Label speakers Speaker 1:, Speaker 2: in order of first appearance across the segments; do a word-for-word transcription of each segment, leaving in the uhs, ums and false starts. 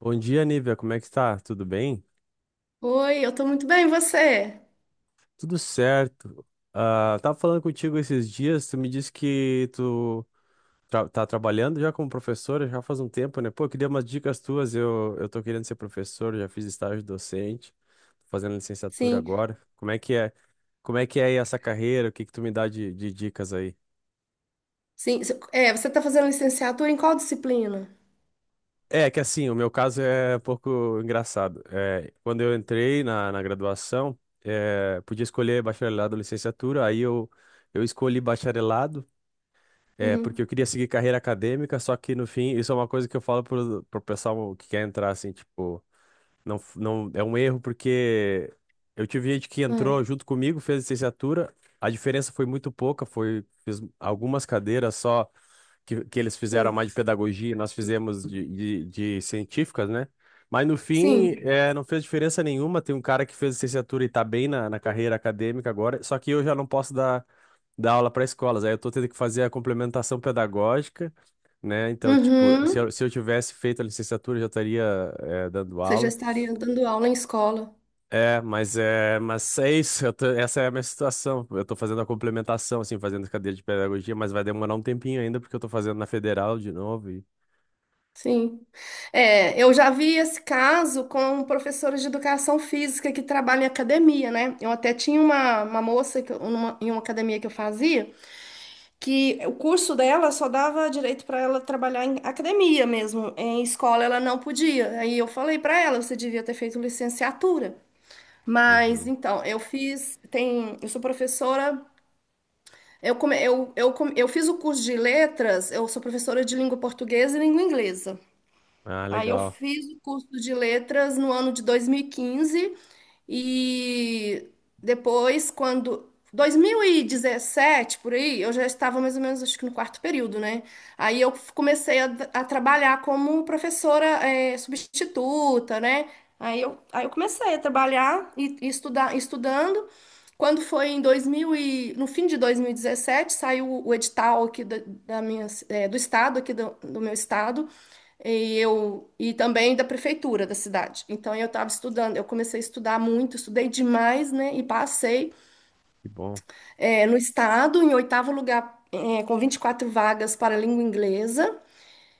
Speaker 1: Bom dia, Nívia. Como é que tá? Tudo bem?
Speaker 2: Oi, eu tô muito bem, e você?
Speaker 1: Tudo certo. Ah, tava falando contigo esses dias, tu me disse que tu tra- tá trabalhando já como professora já faz um tempo, né? Pô, eu queria umas dicas tuas. Eu, eu tô querendo ser professor, já fiz estágio docente, tô fazendo licenciatura
Speaker 2: Sim,
Speaker 1: agora. Como é que é? Como é que é aí essa carreira? O que que tu me dá de, de dicas aí?
Speaker 2: sim. se- É, você tá fazendo licenciatura em qual disciplina?
Speaker 1: É que assim, o meu caso é um pouco engraçado. É, quando eu entrei na, na graduação, é, podia escolher bacharelado ou licenciatura, aí eu, eu escolhi bacharelado, é,
Speaker 2: Uhum.
Speaker 1: porque eu queria seguir carreira acadêmica, só que no fim, isso é uma coisa que eu falo pro, pro pessoal que quer entrar, assim, tipo, não, f- não, é um erro, porque eu tive gente que
Speaker 2: Ah,
Speaker 1: entrou junto comigo, fez licenciatura, a diferença foi muito pouca, foi, fiz algumas cadeiras só que, que eles fizeram
Speaker 2: sim,
Speaker 1: mais de pedagogia, nós fizemos de, de, de científicas, né? Mas no fim,
Speaker 2: sim.
Speaker 1: é, não fez diferença nenhuma. Tem um cara que fez licenciatura e tá bem na, na carreira acadêmica agora, só que eu já não posso dar, dar aula para escolas. Aí eu tô tendo que fazer a complementação pedagógica, né? Então, tipo, se eu,
Speaker 2: Uhum.
Speaker 1: se eu tivesse feito a licenciatura, eu já estaria, é, dando
Speaker 2: Você já
Speaker 1: aula.
Speaker 2: estaria dando aula em escola.
Speaker 1: É, mas é, mas é isso, eu tô- essa é a minha situação. Eu tô fazendo a complementação, assim, fazendo cadeira de pedagogia, mas vai demorar um tempinho ainda, porque eu tô fazendo na federal de novo. E
Speaker 2: Sim. É, eu já vi esse caso com professores de educação física que trabalham em academia, né? Eu até tinha uma, uma moça que eu- numa- em uma academia que eu fazia. Que o curso dela só dava direito para ela trabalhar em academia mesmo, em escola ela não podia. Aí eu falei para ela, você devia ter feito licenciatura. Mas
Speaker 1: uhum.
Speaker 2: então, eu fiz, tem, eu sou professora. Eu, come, eu, eu, come- eu fiz o curso de letras, eu sou professora de língua portuguesa e língua inglesa.
Speaker 1: Ah,
Speaker 2: Aí eu
Speaker 1: legal.
Speaker 2: fiz o curso de letras no ano de dois mil e quinze e depois, quando dois mil e dezessete por aí, eu já estava mais ou menos, acho que no quarto período, né? Aí eu comecei a, a trabalhar como professora, eh, substituta, né? Aí eu, aí eu comecei a trabalhar e, e estudar, estudando. Quando foi em dois mil e, no fim de dois mil e dezessete saiu o edital aqui da, da minha, eh, do estado, aqui do, do meu estado, e eu e também da prefeitura da cidade. Então eu estava estudando, eu comecei a estudar muito, estudei demais, né? E passei
Speaker 1: Que bom.
Speaker 2: eh, no estado em oitavo lugar, eh, com vinte e quatro vagas para a língua inglesa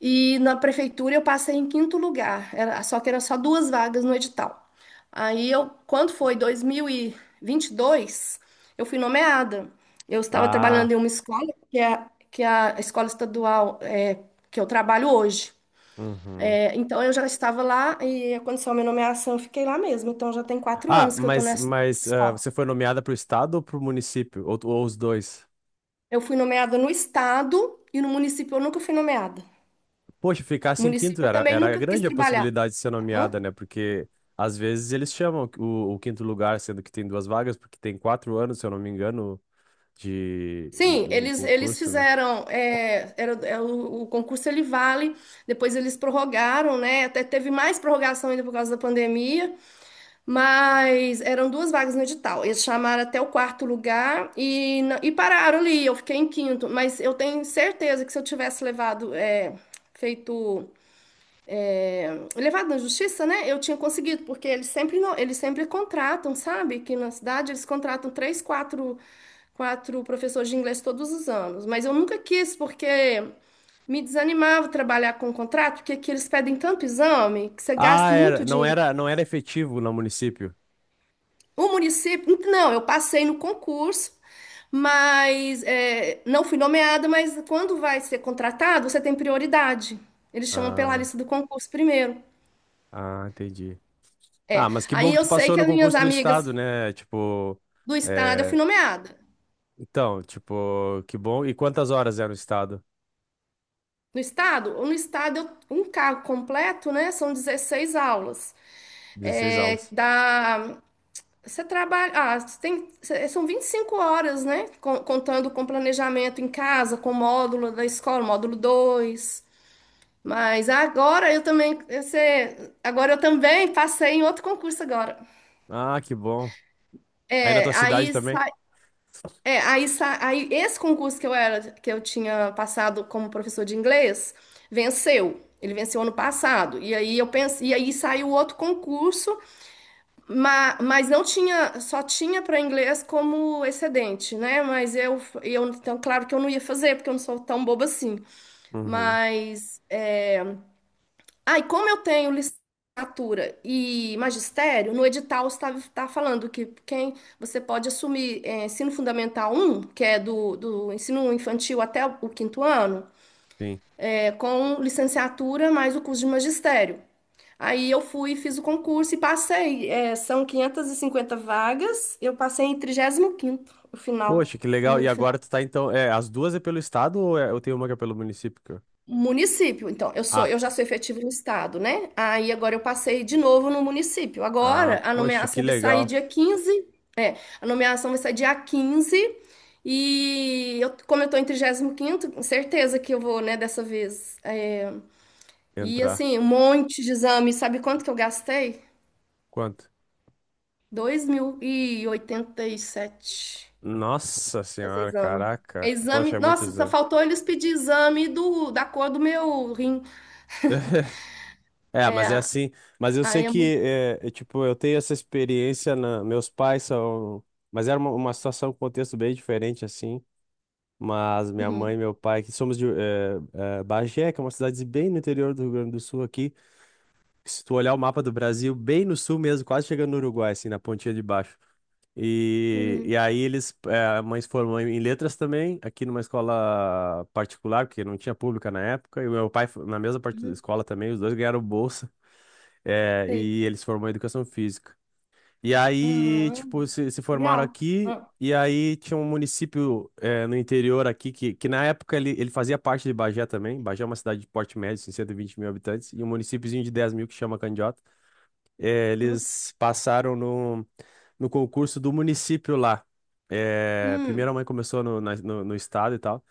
Speaker 2: e na prefeitura eu passei em quinto lugar. Era, só que era só duas vagas no edital. Aí eu, quando foi dois mil e e vinte e dois eu fui nomeada. Eu estava
Speaker 1: Ah,
Speaker 2: trabalhando em uma escola que é, que é a escola estadual eh, que eu trabalho hoje.
Speaker 1: uhum.
Speaker 2: É, então, eu já estava lá e aconteceu a minha nomeação, eu fiquei lá mesmo. Então, já tem quatro
Speaker 1: Ah,
Speaker 2: anos que eu estou
Speaker 1: mas,
Speaker 2: nessa, nessa
Speaker 1: mas ah,
Speaker 2: escola.
Speaker 1: você foi nomeada para o estado ou para o município? Ou, ou os dois?
Speaker 2: Eu fui nomeada no estado e no município eu nunca fui nomeada.
Speaker 1: Poxa,
Speaker 2: No
Speaker 1: ficasse em quinto
Speaker 2: município eu
Speaker 1: era,
Speaker 2: também
Speaker 1: era
Speaker 2: nunca quis
Speaker 1: grande a
Speaker 2: trabalhar.
Speaker 1: possibilidade de ser
Speaker 2: Hã?
Speaker 1: nomeada, né? Porque às vezes eles chamam o, o quinto lugar, sendo que tem duas vagas, porque tem quatro anos, se eu não me engano, de
Speaker 2: Sim,
Speaker 1: o
Speaker 2: eles, eles
Speaker 1: concurso, né?
Speaker 2: fizeram, é, era, é, o, o concurso ele vale, depois eles prorrogaram, né? Até teve mais prorrogação ainda por causa da pandemia. Mas eram duas vagas no edital. Eles chamaram até o quarto lugar e, na- e pararam ali. Eu fiquei em quinto, mas eu tenho certeza que se eu tivesse levado, é, feito, levado na justiça, né? Eu tinha conseguido, porque eles sempre não, eles sempre contratam, sabe? Que na cidade eles contratam três, quatro, quatro professores de inglês todos os anos. Mas eu nunca quis, porque me desanimava trabalhar com contrato, porque aqui eles pedem tanto exame que você
Speaker 1: Ah,
Speaker 2: gasta muito
Speaker 1: era, não
Speaker 2: dinheiro.
Speaker 1: era, não era efetivo no município.
Speaker 2: O município, um, não, eu passei no concurso, mas é, não fui nomeada, mas quando vai ser contratado, você tem prioridade. Eles chamam pela
Speaker 1: Ah,
Speaker 2: lista do concurso primeiro.
Speaker 1: ah, entendi.
Speaker 2: É.
Speaker 1: Ah, mas que bom
Speaker 2: Aí
Speaker 1: que
Speaker 2: eu
Speaker 1: tu
Speaker 2: sei
Speaker 1: passou
Speaker 2: que
Speaker 1: no
Speaker 2: as minhas
Speaker 1: concurso do
Speaker 2: amigas
Speaker 1: estado, né? Tipo,
Speaker 2: do estado, eu
Speaker 1: é,
Speaker 2: fui nomeada.
Speaker 1: então, tipo, que bom. E quantas horas é no estado?
Speaker 2: No estado, no estado, eu- um cargo completo, né? São dezesseis aulas.
Speaker 1: Dezesseis
Speaker 2: É,
Speaker 1: aulas.
Speaker 2: dá, você trabalha, ah, você tem, cê- são vinte e cinco horas, né? Com- Contando com planejamento em casa, com módulo da escola, módulo dois. Mas agora eu também, você, agora eu também passei em outro concurso agora.
Speaker 1: Ah, que bom. Aí na tua
Speaker 2: É,
Speaker 1: cidade
Speaker 2: aí,
Speaker 1: também?
Speaker 2: sa- é, aí, sa- aí esse concurso que eu era, que eu tinha passado como professor de inglês, venceu. Ele venceu ano passado. E aí eu pensei, e aí saiu outro concurso, ma- mas, não tinha, só tinha para inglês como excedente, né? Mas eu, eu, então claro que eu não ia fazer, porque eu não sou tão boba assim.
Speaker 1: Uhum.
Speaker 2: Mas é, Aí, como eu tenho licenciatura e magistério, no edital está, está falando que quem você pode assumir é, ensino fundamental um, que é do, do ensino infantil até o quinto ano,
Speaker 1: Sim.
Speaker 2: é, com licenciatura mais o curso de magistério. Aí eu fui, e fiz o concurso e passei. É, são quinhentos e cinquenta vagas, eu passei em trigésimo quinto, o final,
Speaker 1: Poxa, que legal. E
Speaker 2: número.
Speaker 1: agora tu tá então. É, as duas é pelo estado ou é- eu tenho uma que é pelo município? que eu-
Speaker 2: Município. Então, eu sou,
Speaker 1: Ah,
Speaker 2: eu já sou efetivo no estado, né? Aí agora eu passei de novo no município.
Speaker 1: ah,
Speaker 2: Agora a
Speaker 1: poxa, que
Speaker 2: nomeação vai sair
Speaker 1: legal
Speaker 2: dia quinze. A nomeação vai sair dia quinze. E eu, como eu tô em trigésimo quinto, com certeza que eu vou, né, dessa vez. É. E
Speaker 1: entrar.
Speaker 2: assim, um monte de exame. Sabe quanto que eu gastei?
Speaker 1: Quanto?
Speaker 2: dois mil e oitenta e sete
Speaker 1: Nossa
Speaker 2: fazer
Speaker 1: senhora,
Speaker 2: exame.
Speaker 1: caraca.
Speaker 2: Exame,
Speaker 1: Poxa, é muito
Speaker 2: nossa, só
Speaker 1: exame.
Speaker 2: faltou eles pedir exame do, da cor do meu rim.
Speaker 1: É,
Speaker 2: É,
Speaker 1: mas é assim. Mas eu sei
Speaker 2: aí é
Speaker 1: que,
Speaker 2: muito.
Speaker 1: é, é, tipo, eu tenho essa experiência. Na... Meus pais são. Mas era uma, uma situação, um contexto bem diferente, assim. Mas minha mãe e
Speaker 2: Uhum,
Speaker 1: meu pai, que somos de é, é, Bagé, que é uma cidade bem no interior do Rio Grande do Sul aqui. Se tu olhar o mapa do Brasil, bem no sul mesmo, quase chegando no Uruguai, assim, na pontinha de baixo. E, e
Speaker 2: uhum.
Speaker 1: aí eles, é, a mãe se formou em em letras também, aqui numa escola particular, porque não tinha pública na época, e o meu pai fo- na mesma parte da
Speaker 2: Uhum.
Speaker 1: escola também, os dois ganharam bolsa, é,
Speaker 2: Sei.
Speaker 1: e eles se formou em educação física. E aí,
Speaker 2: Ah,
Speaker 1: tipo, se, se formaram
Speaker 2: legal.
Speaker 1: aqui,
Speaker 2: Ah,
Speaker 1: e aí tinha um município, é, no interior aqui, que, que na época ele, ele fazia parte de Bagé também, Bagé é uma cidade de porte médio, assim, 120 mil habitantes, e um municípiozinho de dez mil que chama Candiota. É,
Speaker 2: uhum.
Speaker 1: eles passaram no, no concurso do município lá. É,
Speaker 2: Hum,
Speaker 1: primeiro a mãe começou no, na- no, no estado e tal.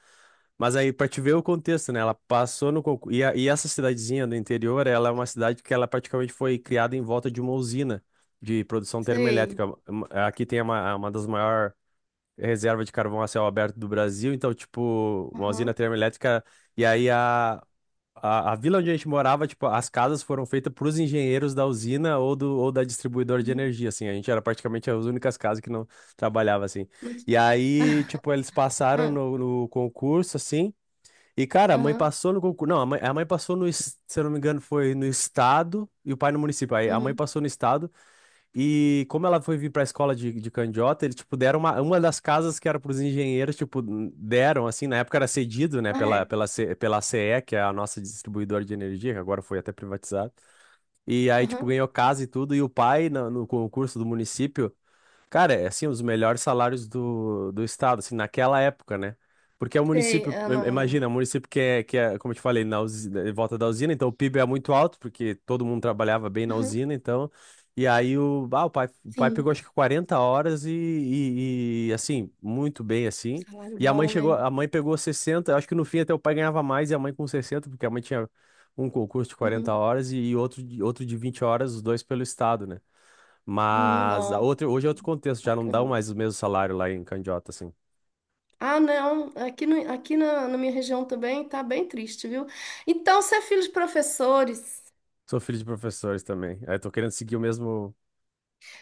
Speaker 1: Mas aí, para te ver o contexto, né? Ela passou no concurso. E, a- e essa cidadezinha do interior, ela é uma cidade que ela praticamente foi criada em volta de uma usina de produção
Speaker 2: sei.
Speaker 1: termoelétrica. Hum, Aqui tem uma, uma das maiores reservas de carvão a céu aberto do Brasil. Então, tipo, uma usina
Speaker 2: Aham.
Speaker 1: termoelétrica. E aí a, a, a vila onde a gente morava, tipo, as casas foram feitas para os engenheiros da usina ou, do, ou da distribuidora de
Speaker 2: Uhum.
Speaker 1: energia, assim. A gente era praticamente as únicas casas que não trabalhava, assim. E
Speaker 2: Não-
Speaker 1: aí, tipo, eles passaram
Speaker 2: Ah,
Speaker 1: no, no concurso, assim. E, cara, a mãe
Speaker 2: aham.
Speaker 1: passou no concurso. Não, a mãe, a mãe passou no, es- se eu não me engano, foi no estado e o pai no município. Aí a mãe
Speaker 2: Uhum.
Speaker 1: passou no estado e como ela foi vir pra escola de, de Candiota, eles, tipo, deram uma, uma das casas que era pros engenheiros, tipo, deram, assim, na época era cedido, né,
Speaker 2: Ah,
Speaker 1: pela,
Speaker 2: é.
Speaker 1: pela, C- pela C E, que é a nossa distribuidora de energia, que agora foi até privatizada. E aí, tipo,
Speaker 2: Aham.
Speaker 1: ganhou casa e tudo, e o pai, na- no, concurso do município, cara, é assim, os melhores salários do, do estado, assim, naquela época, né? Porque é um
Speaker 2: Sei.
Speaker 1: município,
Speaker 2: Ah,
Speaker 1: im- imagina,
Speaker 2: não.
Speaker 1: é um município que é, que é, como eu te falei, na usina, em volta da usina, então o PIB é muito alto, porque todo mundo trabalhava bem na
Speaker 2: Aham.
Speaker 1: usina, então. E aí o, ah, o pai, o pai pegou
Speaker 2: Sim.
Speaker 1: acho que quarenta horas e, e, e, assim, muito bem assim.
Speaker 2: Salário
Speaker 1: E a mãe
Speaker 2: bom,
Speaker 1: chegou,
Speaker 2: né?
Speaker 1: a mãe pegou sessenta, acho que no fim até o pai ganhava mais e a mãe com sessenta, porque a mãe tinha um concurso de quarenta
Speaker 2: Uhum.
Speaker 1: horas e, e outro, de- outro de vinte horas, os dois pelo estado, né?
Speaker 2: Uhum.
Speaker 1: Mas a
Speaker 2: Ó,
Speaker 1: outra, hoje é outro contexto, já não dá
Speaker 2: bacana.
Speaker 1: mais o mesmo salário lá em Candiota, assim.
Speaker 2: Ah, não. Aqui, no, aqui na, na minha região também tá bem triste, viu? Então, você é filho de professores.
Speaker 1: Sou filho de professores também. Aí tô querendo seguir o mesmo,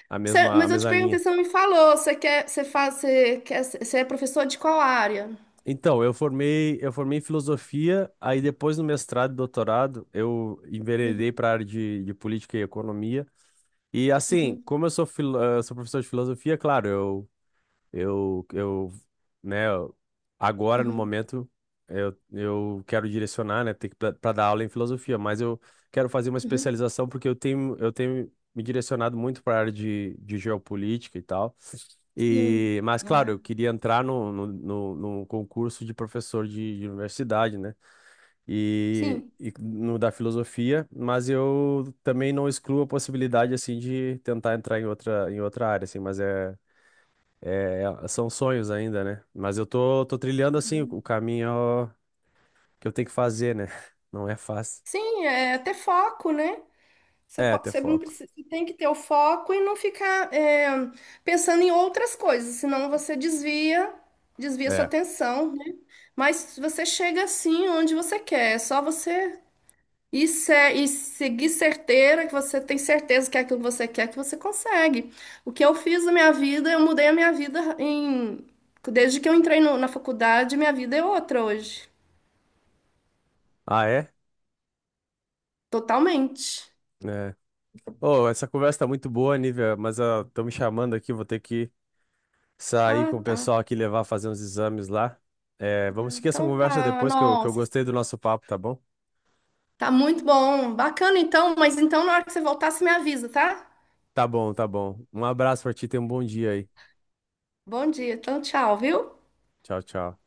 Speaker 1: a
Speaker 2: Você-
Speaker 1: mesma, a
Speaker 2: mas eu te
Speaker 1: mesma
Speaker 2: perguntei,
Speaker 1: linha.
Speaker 2: você não me falou. Você quer, você faz, você quer, você é professor de qual área?
Speaker 1: Então, eu formei, eu formei em filosofia, aí depois no mestrado e doutorado, eu enveredei
Speaker 2: Uhum.
Speaker 1: para a área de, de política e economia. E assim,
Speaker 2: Uhum.
Speaker 1: como eu sou, filo- eh, sou professor de filosofia, claro, eu Eu, eu, né, eu- agora no
Speaker 2: Uhum.
Speaker 1: momento eu, eu quero direcionar, né, ter que para dar aula em filosofia, mas eu quero fazer uma
Speaker 2: Uhum.
Speaker 1: especialização porque eu tenho eu tenho me direcionado muito para a área de, de geopolítica e tal.
Speaker 2: Sim,
Speaker 1: E, mas claro,
Speaker 2: ah,
Speaker 1: eu queria entrar no, no, no, no concurso de professor de, de universidade, né? E,
Speaker 2: sim,
Speaker 1: e no da filosofia, mas eu também não excluo a possibilidade assim de tentar entrar em outra em outra área, assim, mas é é é, são sonhos ainda, né? Mas eu tô, tô trilhando assim o, o caminho que eu tenho que fazer, né? Não é fácil.
Speaker 2: sim, é ter foco, né? Você,
Speaker 1: É,
Speaker 2: po-
Speaker 1: ter
Speaker 2: você não
Speaker 1: foco.
Speaker 2: precisa, você tem que ter o foco e não ficar é, pensando em outras coisas, senão você desvia, desvia sua
Speaker 1: É.
Speaker 2: atenção, né? Mas você chega assim onde você quer, é só você ir se, e seguir certeira, que você tem certeza que é aquilo que você quer, que você consegue. O que eu fiz na minha vida, eu mudei a minha vida em, desde que eu entrei no- na faculdade, minha vida é outra hoje,
Speaker 1: Ah, é?
Speaker 2: totalmente.
Speaker 1: É. Oh, essa conversa tá muito boa, Nívia, mas estão me chamando aqui, vou ter que sair
Speaker 2: Ah,
Speaker 1: com o
Speaker 2: tá.
Speaker 1: pessoal aqui levar fazer uns exames lá. É, vamos seguir essa
Speaker 2: Então
Speaker 1: conversa
Speaker 2: tá,
Speaker 1: depois que eu, que eu
Speaker 2: nossa.
Speaker 1: gostei do nosso papo, tá bom?
Speaker 2: Tá muito bom. Bacana então, mas então na hora que você voltar, você me avisa, tá?
Speaker 1: Tá bom, tá bom. Um abraço pra ti, tenha um bom dia aí.
Speaker 2: Bom dia. Então, tchau, viu?
Speaker 1: Tchau, tchau.